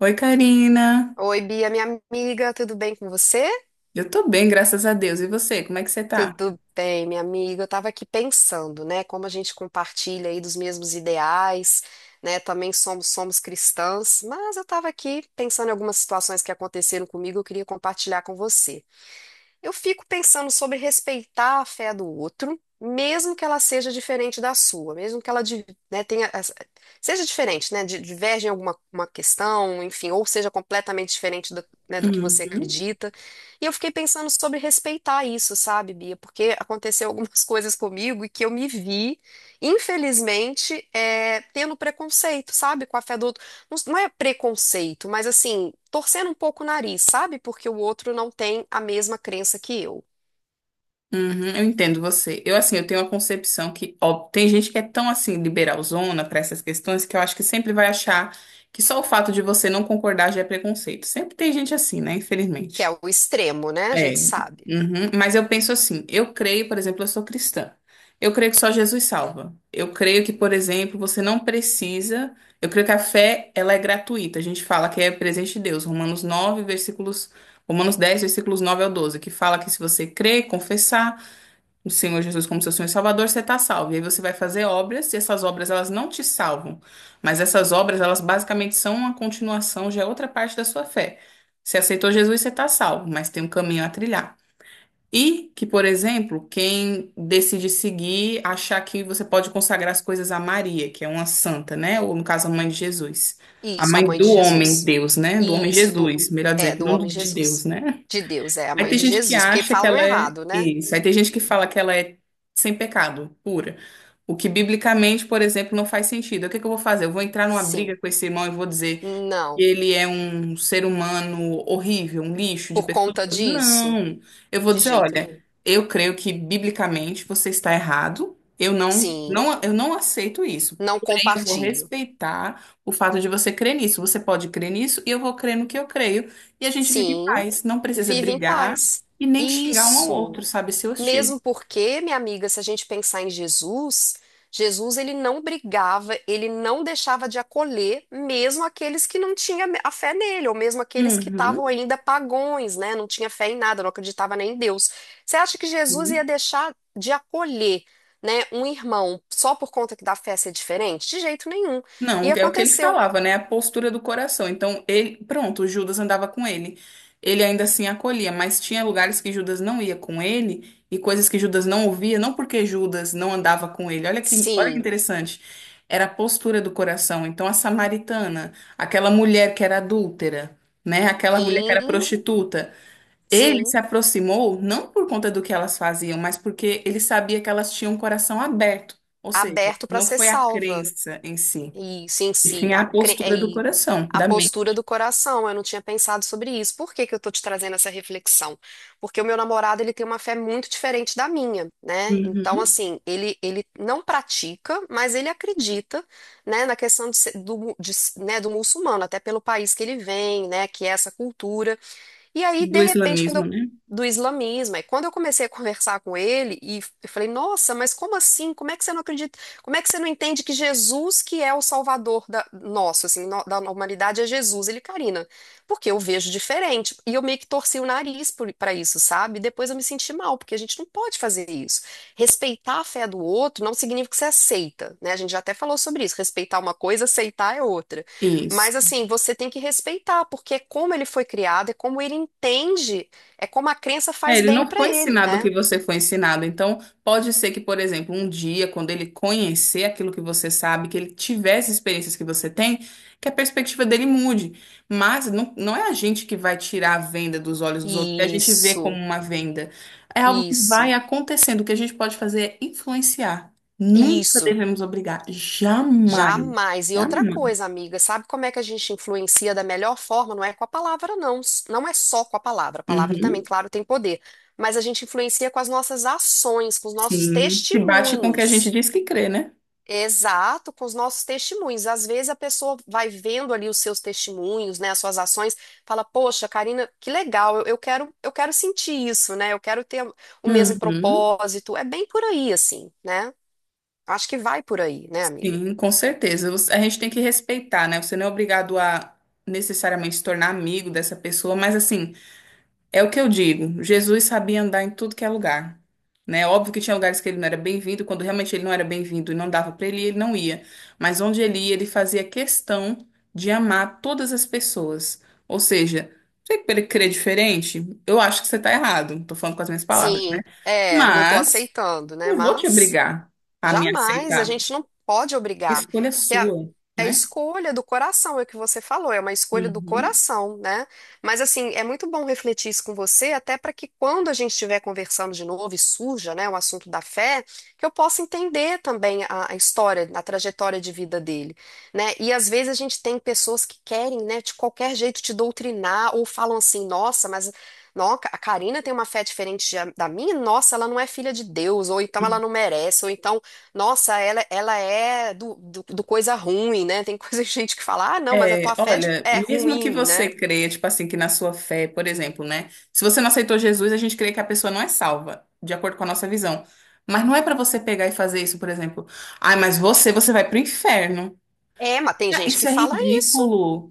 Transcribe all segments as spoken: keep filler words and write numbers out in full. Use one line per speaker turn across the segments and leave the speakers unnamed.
Oi, Karina.
Oi, Bia, minha amiga, tudo bem com você?
Eu tô bem, graças a Deus. E você, como é que você tá?
Tudo bem, minha amiga. Eu estava aqui pensando, né, como a gente compartilha aí dos mesmos ideais, né? Também somos somos cristãs, mas eu estava aqui pensando em algumas situações que aconteceram comigo, eu queria compartilhar com você. Eu fico pensando sobre respeitar a fé do outro, mesmo que ela seja diferente da sua, mesmo que ela, di- né, tenha, essa- seja diferente, né, di- diverge em alguma uma questão, enfim, ou seja completamente diferente do, né, do que você
Uhum.
acredita. E eu fiquei pensando sobre respeitar isso, sabe, Bia? Porque aconteceu algumas coisas comigo e que eu me vi, infelizmente, é, tendo preconceito, sabe, com a fé do não não é preconceito, mas assim, torcendo um pouco o nariz, sabe? Porque o outro não tem a mesma crença que eu,
Uhum, eu entendo você. Eu, assim, eu tenho uma concepção que, ó, tem gente que é tão, assim, liberalzona pra essas questões que eu acho que sempre vai achar que só o fato de você não concordar já é preconceito. Sempre tem gente assim, né?
que
Infelizmente.
é o extremo, né? A gente
É,
sabe.
uhum. Mas eu penso assim, eu creio, por exemplo, eu sou cristã. Eu creio que só Jesus salva. Eu creio que, por exemplo, você não precisa. Eu creio que a fé, ela é gratuita. A gente fala que é presente de Deus. Romanos nove versículos. Romanos dez versículos nove ao doze que fala que se você crer, confessar o Senhor Jesus como seu Senhor e Salvador, você está salvo. E aí você vai fazer obras, e essas obras elas não te salvam, mas essas obras elas basicamente são uma continuação, já é outra parte da sua fé. Você aceitou Jesus, você está salvo, mas tem um caminho a trilhar. E que, por exemplo, quem decide seguir, achar que você pode consagrar as coisas a Maria, que é uma santa, né? Ou no caso, a mãe de Jesus. A
Isso, a
mãe
mãe de
do homem
Jesus.
Deus, né? Do homem
Isso, do,
Jesus, melhor
é,
dizendo,
do
não do-
homem
de Deus,
Jesus.
né?
De Deus, é a
Aí
mãe
tem
de
gente que
Jesus. Porque
acha que
falam
ela é
errado, né?
isso. Aí tem gente que fala que ela é sem pecado, pura. O que biblicamente, por exemplo, não faz sentido. O que que eu vou fazer? Eu vou entrar numa briga
Sim.
com esse irmão e vou dizer e
Não.
ele é um ser humano horrível, um lixo de
Por
pessoa?
conta disso?
Não. Eu vou
De
dizer,
jeito nenhum.
olha, eu creio que biblicamente você está errado. Eu não,
Sim.
não, eu não aceito isso.
Não
Porém, eu vou
compartilho.
respeitar o fato de você crer nisso. Você pode crer nisso e eu vou crer no que eu creio. E a gente vive em
Sim.
paz. Não precisa
Vive em
brigar
paz.
e nem xingar um ao
Isso.
outro, sabe? Ser hostil.
Mesmo porque, minha amiga, se a gente pensar em Jesus, Jesus ele não brigava, ele não deixava de acolher mesmo aqueles que não tinham a fé nele, ou mesmo aqueles que estavam ainda pagões, né? Não tinha fé em nada, não acreditava nem em Deus. Você acha que Jesus ia
Uhum.
deixar de acolher, né, um irmão só por conta que da fé ser diferente? De jeito nenhum. E
Não, é o que ele
aconteceu.
falava, né? A postura do coração. Então, ele, pronto, Judas andava com ele. Ele ainda assim acolhia, mas tinha lugares que Judas não ia com ele e coisas que Judas não ouvia, não porque Judas não andava com ele. Olha que, olha que
Sim,
interessante. Era a postura do coração. Então, a samaritana, aquela mulher que era adúltera, né? Aquela mulher que era
sim,
prostituta, ele
sim,
se aproximou não por conta do que elas faziam, mas porque ele sabia que elas tinham um coração aberto. Ou seja,
aberto para
não
ser
foi a
salva.
crença em si.
Isso em
E
si,
sim
a,
a
cre-
postura do
e
coração,
a
da mente.
postura do coração. Eu não tinha pensado sobre isso. Por que que eu tô te trazendo essa reflexão? Porque o meu namorado, ele tem uma fé muito diferente da minha, né? Então,
Uhum.
assim, ele, ele não pratica, mas ele acredita, né, na questão de, ser- do, mu- de s- né, do muçulmano, até pelo país que ele vem, né, que é essa cultura. E aí, de
Do
repente, quando
islamismo,
eu,
né?
do islamismo, aí quando eu comecei a conversar com ele, e f- eu falei, nossa, mas como assim? Como é que você não acredita? Como é que você não entende que Jesus que é o salvador da, nosso, assim, no- da humanidade é Jesus? Ele, Karina, porque eu vejo diferente. E eu meio que torci o nariz para isso, sabe? Depois eu me senti mal, porque a gente não pode fazer isso. Respeitar a fé do outro não significa que você aceita, né? A gente já até falou sobre isso. Respeitar uma coisa, aceitar é outra.
Isso.
Mas assim, você tem que respeitar, porque é como ele foi criado, é como ele entende, é como a crença
É,
faz
ele
bem
não
pra
foi
ele,
ensinado o
né?
que você foi ensinado. Então, pode ser que, por exemplo, um dia, quando ele conhecer aquilo que você sabe, que ele tivesse experiências que você tem, que a perspectiva dele mude. Mas não, não é a gente que vai tirar a venda dos olhos dos outros, que a gente vê como
Isso,
uma venda. É algo que vai
isso,
acontecendo. O que a gente pode fazer é influenciar. Nunca
isso.
devemos obrigar. Jamais.
Jamais. E outra
Jamais.
coisa, amiga, sabe como é que a gente influencia da melhor forma? Não é com a palavra, não. Não é só com a palavra. A palavra também,
Uhum.
claro, tem poder. Mas a gente influencia com as nossas ações, com os nossos
Sim, se bate com o que a gente
testemunhos.
diz que crê, né?
Exato, com os nossos testemunhos. Às vezes a pessoa vai vendo ali os seus testemunhos, né, as suas ações, fala, poxa, Karina, que legal, eu, eu quero, eu quero sentir isso, né? Eu quero ter o mesmo
Uhum.
propósito. É bem por aí, assim, né? Acho que vai por aí, né, amiga?
Sim, com certeza. Você- A gente tem que respeitar, né? Você não é obrigado a necessariamente se tornar amigo dessa pessoa, mas assim, é o que eu digo. Jesus sabia andar em tudo que é lugar, né? Óbvio que tinha lugares que ele não era bem-vindo, quando realmente ele não era bem-vindo e não dava pra ele ir, ele não ia. Mas onde ele ia, ele fazia questão de amar todas as pessoas. Ou seja, você querer crer diferente, eu acho que você tá errado. Tô falando com as minhas palavras, né?
Sim, é, não tô
Mas
aceitando, né?
não vou te
Mas.
obrigar a me
Jamais, a
aceitar.
gente não pode
A
obrigar,
escolha é
porque a,
sua,
é
né?
escolha do coração, é o que você falou, é uma escolha do
Uhum.
coração, né? Mas assim, é muito bom refletir isso com você, até para que quando a gente estiver conversando de novo e surja, né, o assunto da fé, que eu possa entender também a, a história, a trajetória de vida dele, né? E às vezes a gente tem pessoas que querem, né, de qualquer jeito te doutrinar ou falam assim, nossa, mas não, a Karina tem uma fé diferente da minha, nossa, ela não é filha de Deus, ou então ela não merece, ou então nossa, ela, ela é do, do, do coisa ruim, né? Tem coisa gente que fala, ah, não, mas a
É,
tua fé é de-
olha,
é
mesmo que
ruim, né?
você creia, tipo assim, que na sua fé, por exemplo, né? Se você não aceitou Jesus, a gente crê que a pessoa não é salva, de acordo com a nossa visão. Mas não é pra você pegar e fazer isso, por exemplo. Ai, mas você, você vai pro inferno.
É, mas tem
Ah,
gente
isso
que
é
fala isso.
ridículo.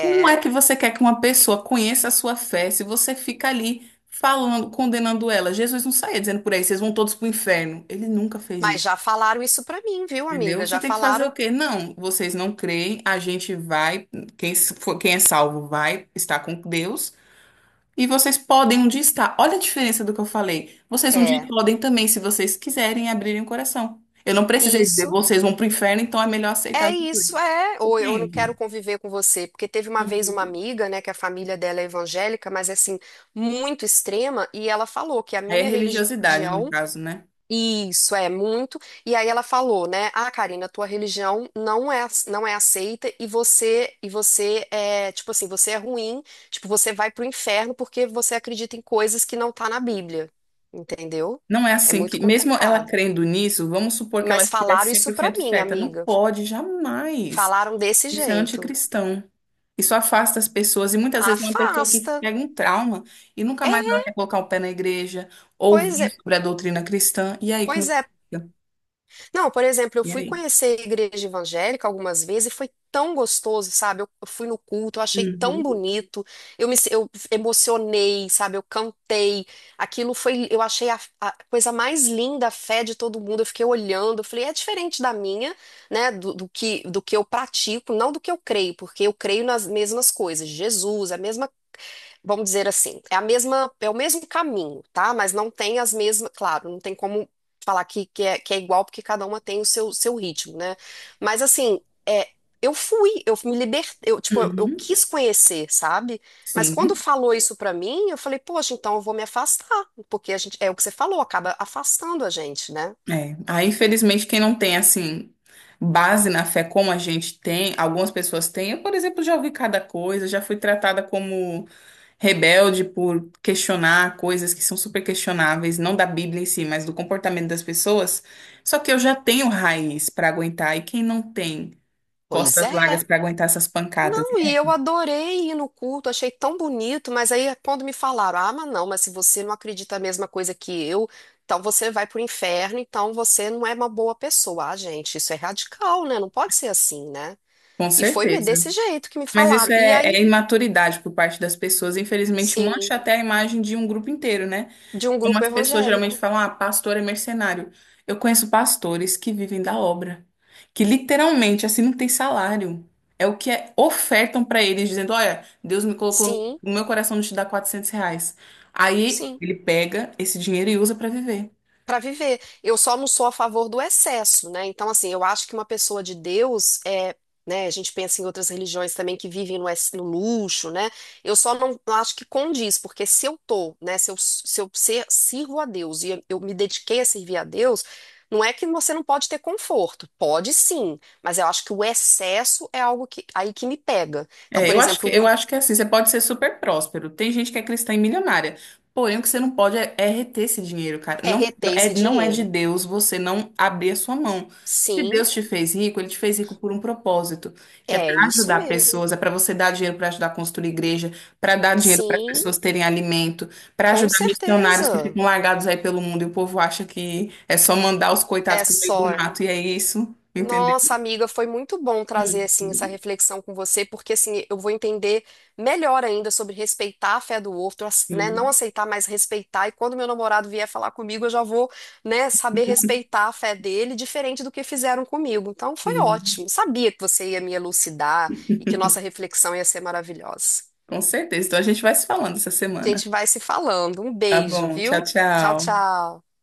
Como é que você quer que uma pessoa conheça a sua fé se você fica ali falando, condenando ela? Jesus não saía dizendo por aí, vocês vão todos pro inferno. Ele nunca fez
mas
isso.
já falaram isso pra mim, viu,
Entendeu?
amiga?
Você
Já
tem que fazer
falaram,
o quê? Não, vocês não creem, a gente vai, quem, s- for- quem é salvo vai estar com Deus e vocês podem um dia estar. Olha a diferença do que eu falei. Vocês um dia
é,
podem também, se vocês quiserem, abrirem o coração. Eu não precisei dizer,
isso,
vocês vão pro inferno, então é melhor aceitar
é
Jesus.
isso, é. Ou eu não
Entende?
quero conviver com você, porque teve uma vez uma amiga, né, que a família dela é evangélica, mas é assim, muito extrema, e ela falou que a
Aí é
minha
religiosidade, no
religião
caso, né?
isso é muito. E aí ela falou, né? Ah, Karina, tua religião não é não é aceita e você e você é, tipo assim, você é ruim, tipo, você vai pro inferno porque você acredita em coisas que não tá na Bíblia. Entendeu?
Não é
É
assim
muito
que, mesmo ela
complicado.
crendo nisso, vamos supor que ela
Mas
estivesse
falaram
cem
isso
por
pra
cento
mim,
certa. Não
amiga.
pode, jamais.
Falaram desse
Isso é
jeito.
anticristão. Isso afasta as pessoas. E muitas vezes é uma pessoa que
Afasta.
pega um trauma e nunca mais
É,
ela quer colocar o pé na igreja,
pois
ouvir
é,
sobre a doutrina cristã. E aí, como
pois
é que
é.
fica?
Não, por exemplo, eu
E
fui
aí?
conhecer a igreja evangélica algumas vezes e foi tão gostoso, sabe? Eu eu fui no culto, eu achei tão
Uhum,
bonito, eu me eu emocionei, sabe? Eu cantei. Aquilo foi, eu achei a, a coisa mais linda, a fé de todo mundo. Eu fiquei olhando, eu falei, é diferente da minha, né? Do, do que, do que eu pratico, não do que eu creio, porque eu creio nas mesmas coisas, Jesus, a mesma, vamos dizer assim, é a mesma, é o mesmo caminho, tá? Mas não tem as mesmas, claro, não tem como falar que, que, é, que é igual, porque cada uma tem o seu, seu ritmo, né? Mas assim, é, eu fui, eu me libertei, eu, tipo, eu, eu
uhum.
quis conhecer, sabe? Mas quando
Sim.
falou isso pra mim, eu falei, poxa, então eu vou me afastar, porque a gente, é o que você falou, acaba afastando a gente, né?
É. Aí, infelizmente, quem não tem, assim, base na fé como a gente tem, algumas pessoas têm. Eu, por exemplo, já ouvi cada coisa, já fui tratada como rebelde por questionar coisas que são super questionáveis, não da Bíblia em si, mas do comportamento das pessoas. Só que eu já tenho raiz para aguentar, e quem não tem
Pois
costas
é.
largas para aguentar essas pancadas? E
Não, e eu
aí?
adorei ir no culto, achei tão bonito, mas aí é quando me falaram, ah, mas não, mas se você não acredita a mesma coisa que eu, então você vai pro inferno, então você não é uma boa pessoa. Ah, gente, isso é radical, né? Não pode ser assim, né?
Com
E foi me-
certeza.
desse jeito que me
Mas
falaram.
isso
E
é,
aí,
é imaturidade por parte das pessoas, infelizmente
sim,
mancha até a imagem de um grupo inteiro, né?
de um
Como
grupo
as pessoas geralmente
evangélico.
falam, ah, pastor é mercenário. Eu conheço pastores que vivem da obra, que literalmente assim não tem salário. É o que é, ofertam para eles, dizendo: olha, Deus me colocou
Sim,
no meu coração de te dar quatrocentos reais. Aí
sim.
ele pega esse dinheiro e usa para viver.
Para viver. Eu só não sou a favor do excesso, né? Então, assim, eu acho que uma pessoa de Deus é. Né, a gente pensa em outras religiões também que vivem no, ex- no luxo, né? Eu só não acho que condiz, porque se eu tô, né, se eu, se eu ser, sirvo a Deus e eu eu me dediquei a servir a Deus, não é que você não pode ter conforto, pode sim, mas eu acho que o excesso é algo que aí que me pega. Então,
É,
por
eu acho que,
exemplo,
eu
muito
acho que é assim, você pode ser super próspero. Tem gente que é cristã e milionária. Porém, o que você não pode é, é reter esse dinheiro, cara.
é
Não, não
reter
é,
esse
não é de
dinheiro.
Deus você não abrir a sua mão. Se
Sim,
Deus te fez rico, ele te fez rico por um propósito, que é
é
para
isso
ajudar
mesmo.
pessoas, é para você dar dinheiro para ajudar a construir igreja, para dar dinheiro para as
Sim,
pessoas terem alimento, para
com
ajudar missionários que
certeza.
ficam largados aí pelo mundo e o povo acha que é só mandar os coitados
É
pro meio do
só.
mato e é isso, entendeu?
Nossa, amiga, foi muito bom trazer
Hum,
assim essa
hum.
reflexão com você, porque assim eu vou entender melhor ainda sobre respeitar a fé do outro, ace- né? Não
Sim,
aceitar, mas respeitar. E quando meu namorado vier falar comigo, eu já vou, né, saber respeitar a fé dele, diferente do que fizeram comigo. Então foi
sim.
ótimo. Sabia que você ia me elucidar e que nossa reflexão ia ser maravilhosa.
Com certeza. Então a gente vai se falando essa
A gente
semana.
vai se falando. Um
Tá
beijo,
bom. Tchau,
viu? Tchau,
tchau.
tchau.